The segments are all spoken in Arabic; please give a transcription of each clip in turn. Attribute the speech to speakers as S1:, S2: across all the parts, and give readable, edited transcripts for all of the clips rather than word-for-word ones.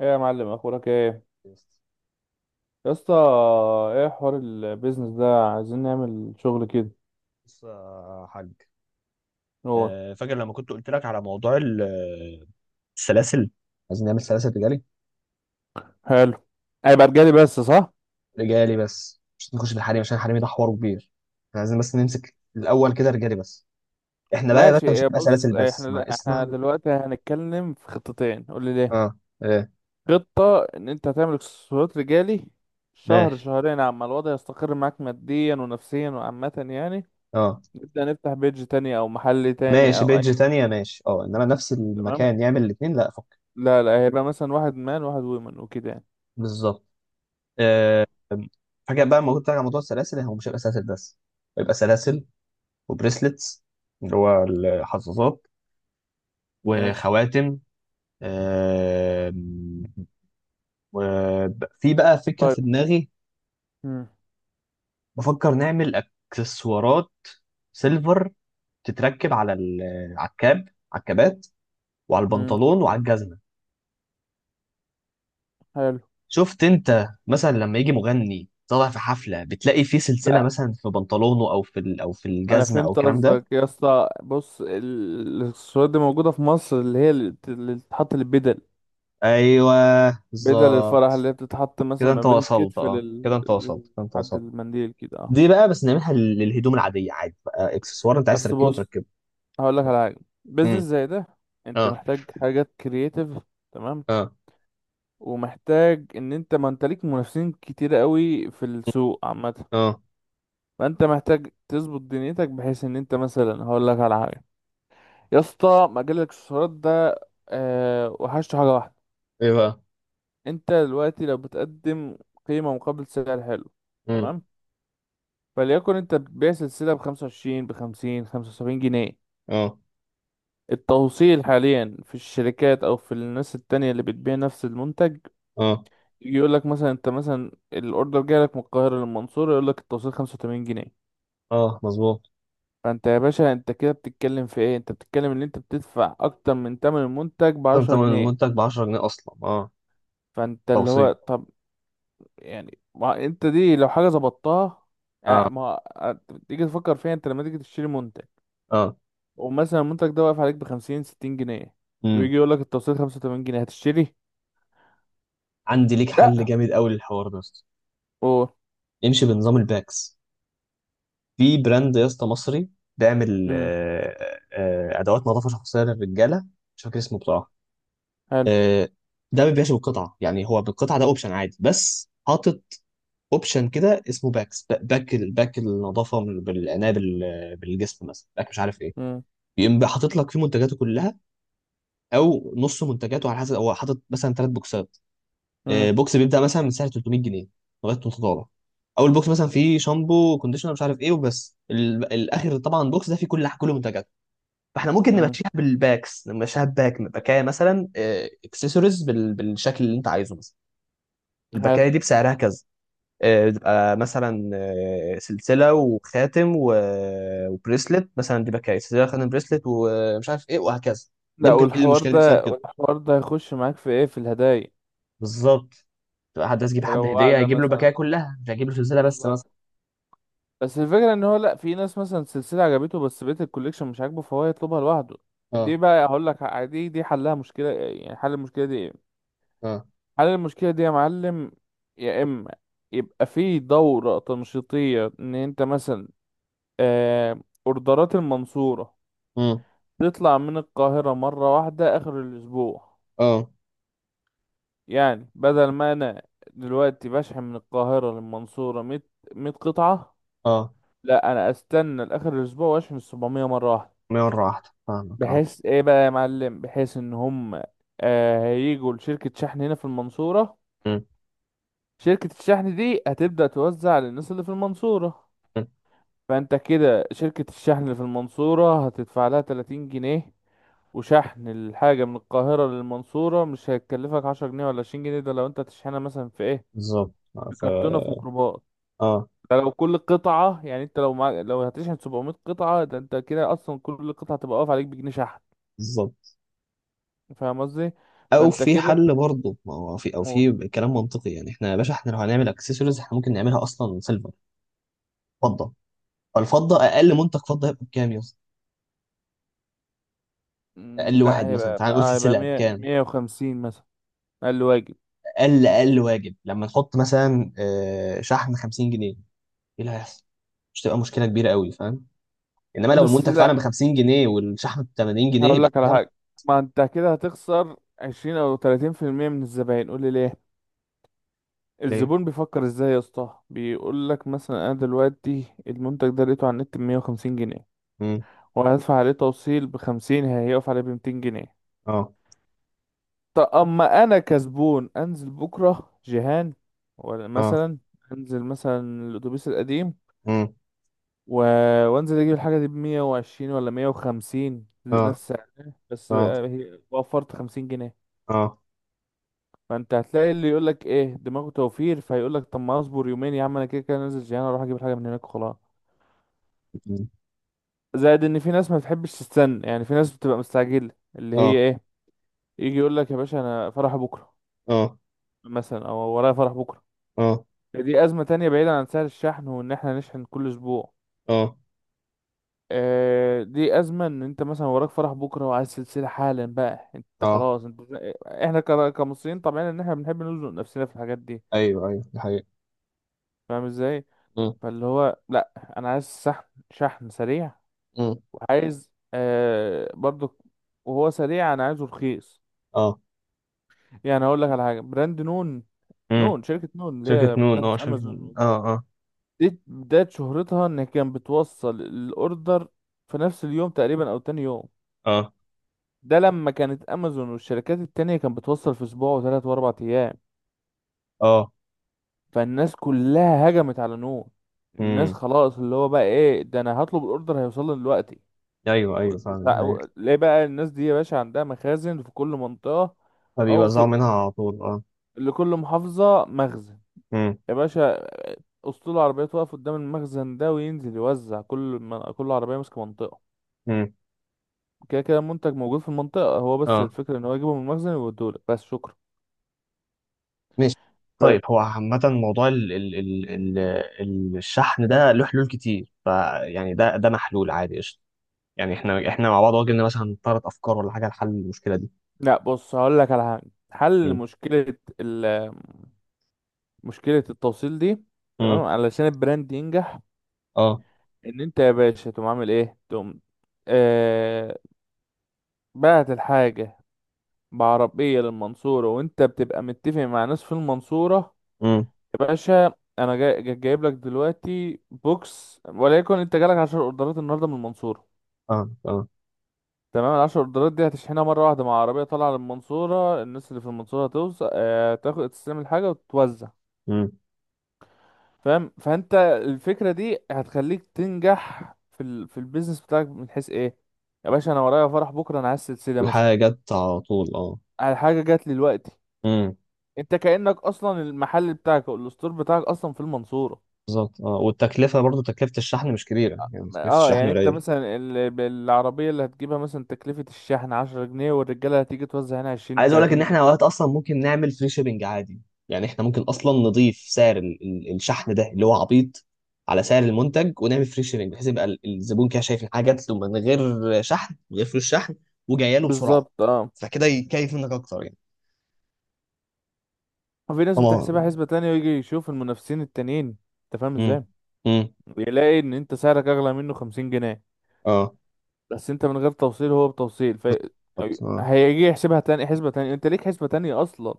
S1: ايه يا معلم، اخبارك؟ ايه
S2: بص
S1: يا اسطى، ايه حوار البيزنس ده؟ عايزين نعمل شغل كده.
S2: يا حاج.
S1: هو
S2: فاكر لما كنت قلت لك على موضوع السلاسل. عايزين نعمل سلاسل رجالي.
S1: حلو، هيبقى رجالي بس صح؟
S2: رجالي بس مش نخش بالحريم، عشان الحريم ده حوار كبير. احنا عايزين بس نمسك الاول كده رجالي بس. احنا بقى يا
S1: ماشي.
S2: باشا مش
S1: إيه
S2: هنبقى
S1: بص،
S2: سلاسل
S1: إيه
S2: بس،
S1: احنا
S2: ما
S1: احنا
S2: اسمعنا.
S1: دلوقتي هنتكلم في خطتين، قول لي ليه.
S2: اه. ايه.
S1: خطة ان انت هتعمل اكسسوارات رجالي، شهر
S2: ماشي،
S1: شهرين عما الوضع يستقر معاك ماديا ونفسيا وعامة يعني،
S2: اه،
S1: نبدأ نفتح بيج تاني او محل تاني
S2: ماشي
S1: او اي.
S2: بيدج تانية، ماشي، اه، انما نفس
S1: تمام.
S2: المكان يعمل الاثنين لا فك.
S1: لا لا، هيبقى مثلا واحد مان واحد ويمن وكده يعني.
S2: بالظبط. آه، فاكر بقى لما قلت لك على موضوع السلاسل، هو مش هيبقى سلاسل بس، هيبقى سلاسل وبريسلتس اللي هو الحظاظات
S1: ماشي،
S2: وخواتم. آم، وفي بقى فكرة
S1: طيب،
S2: في دماغي. بفكر نعمل اكسسوارات سيلفر تتركب على ال- على الكاب على الكابات وعلى
S1: امم
S2: البنطلون وعلى الجزمة.
S1: حلو.
S2: شفت انت مثلا لما يجي مغني طالع في حفلة، بتلاقي فيه سلسلة
S1: ده
S2: مثلا في بنطلونه او في او في
S1: انا
S2: الجزمة او
S1: فهمت
S2: الكلام ده.
S1: قصدك يا اسطى، بص الصورات دي موجوده في مصر، اللي هي اللي اللي بتتحط البدل،
S2: ايوه،
S1: بدل الفرح
S2: بالظبط.
S1: اللي هي بتتحط مثلا
S2: كده
S1: ما
S2: انت
S1: بين
S2: وصلت،
S1: الكتف
S2: اه كده انت وصلت، كده انت
S1: لحد
S2: وصلت.
S1: المنديل كده، اه.
S2: دي بقى بس نعملها للهدوم العادية عادي، بقى اكسسوار انت عايز
S1: اصل
S2: تركبه
S1: بص،
S2: تركبه.
S1: هقول لك على حاجه، بيزنس
S2: امم.
S1: زي ده انت
S2: اه،
S1: محتاج حاجات كرييتيف، تمام.
S2: اه،
S1: ومحتاج ان انت ما انت ليك منافسين كتير قوي في السوق عامه،
S2: اه،
S1: فانت محتاج تظبط دنيتك بحيث ان انت مثلا، هقول لك على حاجه. يا اسطى مجال الاكسسوارات ده، وحشته حاجه واحده.
S2: ايه بقى؟
S1: انت دلوقتي لو بتقدم قيمة مقابل سعر حلو،
S2: امم.
S1: تمام. فليكن انت بتبيع سلسلة ب25 ب50 75 جنيه،
S2: اه،
S1: التوصيل حاليا في الشركات او في الناس التانية اللي بتبيع نفس المنتج،
S2: اه،
S1: يقول لك مثلا انت مثلا الاوردر جاي لك من القاهرة للمنصورة، يقول لك التوصيل 85 جنيه.
S2: اه مظبوط.
S1: فانت يا باشا، انت كده بتتكلم في ايه؟ انت بتتكلم ان انت بتدفع اكتر من تمن المنتج
S2: تم
S1: بعشرة
S2: تمن
S1: جنيه
S2: المنتج ب 10 جنيه اصلا، اه.
S1: فانت اللي هو
S2: توصيل،
S1: طب يعني، ما انت دي لو حاجه ظبطتها،
S2: اه،
S1: ما آه، تيجي تفكر فيها انت، لما تيجي تشتري منتج
S2: اه.
S1: ومثلا المنتج ده واقف عليك ب50 60 جنيه، ويجي
S2: امم.
S1: يقول لك التوصيل 85 جنيه، هتشتري؟
S2: عندي ليك حل
S1: لا.
S2: جامد قوي للحوار ده يا اسطى.
S1: او
S2: امشي بنظام الباكس. في براند يا اسطى مصري بيعمل
S1: امم
S2: ادوات نظافه شخصيه للرجاله. مش فاكر اسمه بصراحه.
S1: حلو.
S2: آه ده ما بيبيعش بالقطعه، يعني هو بالقطعه ده اوبشن عادي، بس حاطط اوبشن كده اسمه باكس، باك النظافه، بالعنايه بالجسم مثلا، باك مش عارف ايه.
S1: امم
S2: يقوم بقى حاطط لك فيه منتجاته كلها، او نص منتجاته، على حسب. هو حاطط مثلا ثلاث بوكسات.
S1: امم
S2: بوكس بيبدا مثلا من سعر 300 جنيه لغايه 300. اول بوكس مثلا فيه شامبو كونديشنر مش عارف ايه وبس، الاخر طبعا، بوكس ده فيه كل منتجاته. فاحنا ممكن
S1: امم
S2: نمشيها بالباكس، نمشيها بباكايه مثلا، اكسسوارز بالشكل اللي انت عايزه مثلا.
S1: حلو.
S2: الباكايه دي بسعرها كذا. بتبقى مثلا، سلسله وخاتم و... وبريسلت مثلا. دي بقى سلسله خاتم بريسلت ومش عارف ايه، وهكذا. دي
S1: لا،
S2: ممكن تحل
S1: والحوار
S2: المشكله دي بسبب
S1: ده،
S2: كده.
S1: والحوار ده هيخش معاك في ايه؟ في الهدايا.
S2: بالظبط. تبقى حد عايز يجيب
S1: انت لو
S2: حد هديه،
S1: واحده
S2: هيجيب له بكايه
S1: مثلا،
S2: كلها، مش هيجيب له سلسله بس
S1: بالظبط.
S2: مثلا.
S1: بس الفكره ان هو لا، في ناس مثلا سلسله عجبته بس بقيه الكوليكشن مش عاجبه فهو يطلبها لوحده. دي
S2: اه،
S1: بقى هقول لك دي حلها مشكله يعني، حل المشكله دي إيه؟
S2: اه.
S1: حل المشكلة دي يا معلم، يا إما يبقى في دورة تنشيطية إن أنت مثلا، آه، أوردرات المنصورة
S2: امم.
S1: تطلع من القاهرة مرة واحدة آخر الأسبوع.
S2: اه،
S1: يعني بدل ما أنا دلوقتي بشحن من القاهرة للمنصورة مية، 100 قطعة،
S2: اه.
S1: لا أنا أستنى لآخر الأسبوع وأشحن ال700 مرة واحدة.
S2: مره واحده فاهمك، اه.
S1: بحيث إيه بقى يا معلم؟ بحيث إن هم هيجوا لشركة شحن هنا في المنصورة،
S2: مم،
S1: شركة الشحن دي هتبدأ توزع للناس اللي في المنصورة.
S2: مم.
S1: فانت كده شركة الشحن اللي في المنصورة هتدفع لها 30 جنيه، وشحن الحاجة من القاهرة للمنصورة مش هيكلفك 10 جنيه ولا 20 جنيه، ده لو انت هتشحنها مثلا في ايه،
S2: بالظبط. آه،
S1: في
S2: ف
S1: كرتونة في ميكروباص.
S2: اه،
S1: ده لو كل قطعة، يعني انت لو لو هتشحن 700 قطعة، ده انت كده اصلا كل قطعة تبقى واقف عليك بجنيه شحن،
S2: بالظبط.
S1: فاهم قصدي؟
S2: او
S1: فانت
S2: في
S1: كده
S2: حل برضه، ما هو في او
S1: و...
S2: في كلام منطقي، يعني احنا يا باشا، احنا لو هنعمل اكسسوارز احنا ممكن نعملها اصلا سيلفر. فضه. الفضه اقل منتج فضه هيبقى بكام يا اسطى؟ اقل
S1: لا
S2: واحد مثلا،
S1: هيبقى
S2: تعال نقول
S1: هيبقى
S2: سلسله يعني
S1: 100
S2: بكام؟
S1: 150 مثلا، اقل واجب.
S2: اقل واجب. لما نحط مثلا، شحن 50 جنيه، ايه اللي هيحصل؟ مش تبقى مشكله كبيره قوي، فاهم؟ انما لو
S1: بس
S2: المنتج
S1: لا،
S2: فعلا ب 50 جنيه والشحن ب 80 جنيه،
S1: هقول
S2: يبقى
S1: لك على
S2: حاجه.
S1: حاجة، ما انت كده هتخسر 20 او 30% من الزباين، قول لي ليه.
S2: ليه؟
S1: الزبون بيفكر ازاي يا اسطى؟ بيقول لك مثلا انا دلوقتي المنتج ده لقيته على النت ب150 جنيه،
S2: امم.
S1: وهدفع عليه توصيل ب50، هيقف عليه ب200 جنيه.
S2: اه،
S1: طب اما انا كزبون انزل بكرة جيهان، ولا
S2: اه.
S1: مثلا انزل مثلا الاتوبيس القديم،
S2: امم.
S1: و... وانزل اجيب الحاجة دي ب120 ولا 150
S2: اه،
S1: نفس سعرها، بس
S2: اه،
S1: وفرت 50 جنيه.
S2: اه.
S1: فانت هتلاقي اللي يقول لك ايه دماغه توفير، فهيقول لك طب ما اصبر يومين يا عم، انا كده كده نازل جيهان اروح اجيب الحاجه من هناك وخلاص.
S2: مم.
S1: زائد ان في ناس ما بتحبش تستنى، يعني في ناس بتبقى مستعجله اللي هي
S2: اه،
S1: ايه، يجي يقول لك يا باشا انا فرح بكره
S2: اه،
S1: مثلا، او ورايا فرح بكره.
S2: اه،
S1: دي ازمه تانية بعيدا عن سعر الشحن وان احنا نشحن كل اسبوع.
S2: اه،
S1: دي ازمه ان انت مثلا وراك فرح بكره، وعايز سلسله حالا بقى انت
S2: اه.
S1: خلاص انت، احنا كمصريين طبعا ان احنا بنحب نزنق نفسنا في الحاجات دي،
S2: ايوه، ايوه، دي حقيقة.
S1: فاهم ازاي؟
S2: امم،
S1: فاللي هو لا، انا عايز شحن، شحن سريع،
S2: امم.
S1: وعايز برضو، وهو سريع انا عايزه رخيص.
S2: اه.
S1: يعني اقول لك على حاجه، براند نون.
S2: امم.
S1: شركه نون اللي
S2: شركة
S1: هي
S2: نون، اه،
S1: بتنافس
S2: شركة نون،
S1: امازون.
S2: اه، اه.
S1: دي بدايه شهرتها ان كانت بتوصل الاوردر في نفس اليوم تقريبا او تاني يوم،
S2: اه،
S1: ده لما كانت امازون والشركات التانية كانت بتوصل في اسبوع وثلاث واربع ايام.
S2: اه.
S1: فالناس كلها هجمت على نون، الناس
S2: امم.
S1: خلاص اللي هو بقى ايه، ده انا هطلب الاوردر هيوصل لي دلوقتي.
S2: ايوه، ايوه فعلا، دي حقيقة.
S1: ليه بقى؟ الناس دي يا باشا عندها مخازن في كل منطقة، أو
S2: فبيوزعوا
S1: في
S2: منها على طول، اه.
S1: لكل محافظة مخزن
S2: امم،
S1: يا باشا، أسطول العربيات واقف قدام المخزن ده وينزل يوزع كل عربية ماسكة منطقة.
S2: امم.
S1: كده كده المنتج موجود في المنطقة، هو بس
S2: اه.
S1: الفكرة إن هو يجيبه من المخزن ويوديهولك، بس شكرا.
S2: ماشي.
S1: ف...
S2: طيب هو عامة موضوع الشحن ده له حلول كتير، فيعني ده محلول عادي، قشطة. يعني احنا مع بعض واجهنا مثلا ثلاث افكار ولا حاجة لحل المشكلة دي؟
S1: لا بص، هقول لك على حاجة، حل
S2: امم،
S1: مشكلة التوصيل دي، تمام
S2: امم.
S1: علشان البراند ينجح،
S2: اه.
S1: إن أنت يا باشا تقوم عامل إيه؟ تقوم آه... بعت الحاجة بعربية للمنصورة، وانت بتبقى متفق مع ناس في المنصورة
S2: امم.
S1: يا باشا. انا جايب لك دلوقتي بوكس، وليكن انت جالك 10 اوردرات النهاردة من المنصورة،
S2: اه، اه.
S1: تمام. ال10 اوردرات دي هتشحنها مرة واحدة مع عربية طالعة للمنصورة، الناس اللي في المنصورة هتوزع، اه تاخد تستلم الحاجة وتتوزع.
S2: امم.
S1: فاهم؟ فانت الفكرة دي هتخليك تنجح في في البيزنس بتاعك من حيث ايه، يا باشا انا ورايا فرح بكرة، انا عايز سلسلة مثلا،
S2: والحاجة جت على طول، اه.
S1: على حاجة جات لي دلوقتي،
S2: امم.
S1: انت كأنك اصلا المحل بتاعك او الستور بتاعك اصلا في المنصورة.
S2: بالظبط، اه، والتكلفة برضو تكلفة الشحن مش كبيرة، يعني تكلفة
S1: اه
S2: الشحن
S1: يعني انت
S2: قليلة.
S1: مثلا بالعربية اللي هتجيبها مثلا تكلفة الشحن 10 جنيه، والرجالة هتيجي توزع هنا عشرين
S2: عايز اقول لك ان
S1: تلاتين
S2: احنا
S1: جنيه
S2: اوقات اصلا ممكن نعمل فري شيبنج عادي. يعني احنا ممكن اصلا نضيف سعر الشحن ده اللي هو عبيط على سعر المنتج، ونعمل فري شيبنج، بحيث يبقى الزبون كده شايف ان حاجه جات له من غير شحن، من غير فلوس شحن، وجايه له بسرعه.
S1: بالظبط اه.
S2: فكده يكيف منك اكتر يعني.
S1: وفي ناس
S2: طبعا.
S1: بتحسبها حسبة تانية، ويجي يشوف المنافسين التانيين، انت فاهم
S2: امم،
S1: ازاي؟
S2: امم.
S1: يلاقي ان انت سعرك اغلى منه 50 جنيه،
S2: اه،
S1: بس انت من غير توصيل هو بتوصيل، ف
S2: بالظبط، اه.
S1: هيجي يحسبها تاني حسبة تانية، انت ليك حسبة تانية اصلا.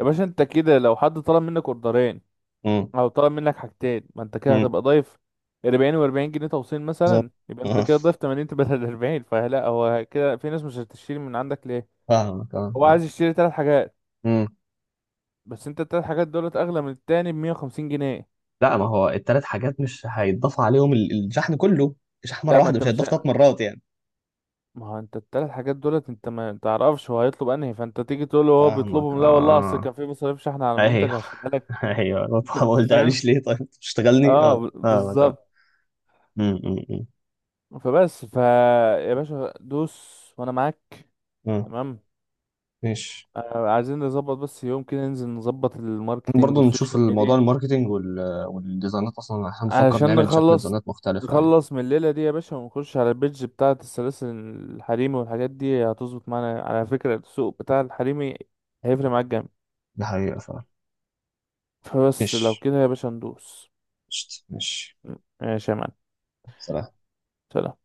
S1: يا باشا انت كده لو حد طلب منك اوردرين،
S2: امم،
S1: او طلب منك حاجتين، ما انت كده
S2: امم.
S1: هتبقى ضايف 40 و40 جنيه توصيل
S2: بالظبط،
S1: مثلا، يبقى انت
S2: اه.
S1: كده ضايف 80 بدل 40، فلا هو كده في ناس مش هتشتري من عندك، ليه؟
S2: فاهمك، اه،
S1: هو
S2: اه.
S1: عايز يشتري 3 حاجات،
S2: امم.
S1: بس انت ال3 حاجات دولت اغلى من التاني ب 150 جنيه.
S2: لا ما هو التلات حاجات مش هيتضاف عليهم الشحن كله. الشحن مره
S1: لا،
S2: واحده، مش هيتضاف ثلاث مرات يعني.
S1: ما هو انت ال3 حاجات دولت انت ما تعرفش هو هيطلب انهي، فانت تيجي تقول له هو
S2: فاهمك،
S1: بيطلبهم لا والله اصل
S2: اه.
S1: كان في مصاريف شحن على المنتج
S2: ايوه.
S1: هشيلها لك.
S2: ايوه. ما
S1: انت فاهم،
S2: قلتهاليش ليه؟ طيب تشتغلني؟
S1: اه
S2: اه، فاهمك، اه.
S1: بالظبط.
S2: أمم، أمم، أمم.
S1: فبس يا باشا دوس وانا معاك،
S2: آه،
S1: تمام.
S2: ماشي.
S1: عايزين نظبط بس يوم كده ننزل نظبط الماركتينج
S2: برضه نشوف
S1: والسوشيال
S2: الموضوع،
S1: ميديا،
S2: الماركتينج وال... والديزاينات. اصلا احنا بنفكر
S1: علشان
S2: نعمل شكل
S1: نخلص
S2: ديزاينات مختلفة يعني.
S1: نخلص من الليلة دي يا باشا، ونخش على البيدج بتاعة السلاسل الحريمي، والحاجات دي هتظبط معانا على فكرة، السوق بتاع الحريمي هيفرق معاك جامد.
S2: ده حقيقة فعلا.
S1: فبس لو
S2: ماشي.
S1: كده يا باشا ندوس.
S2: قشطة. ماشي.
S1: ماشي يا معلم،
S2: سلام.
S1: سلام.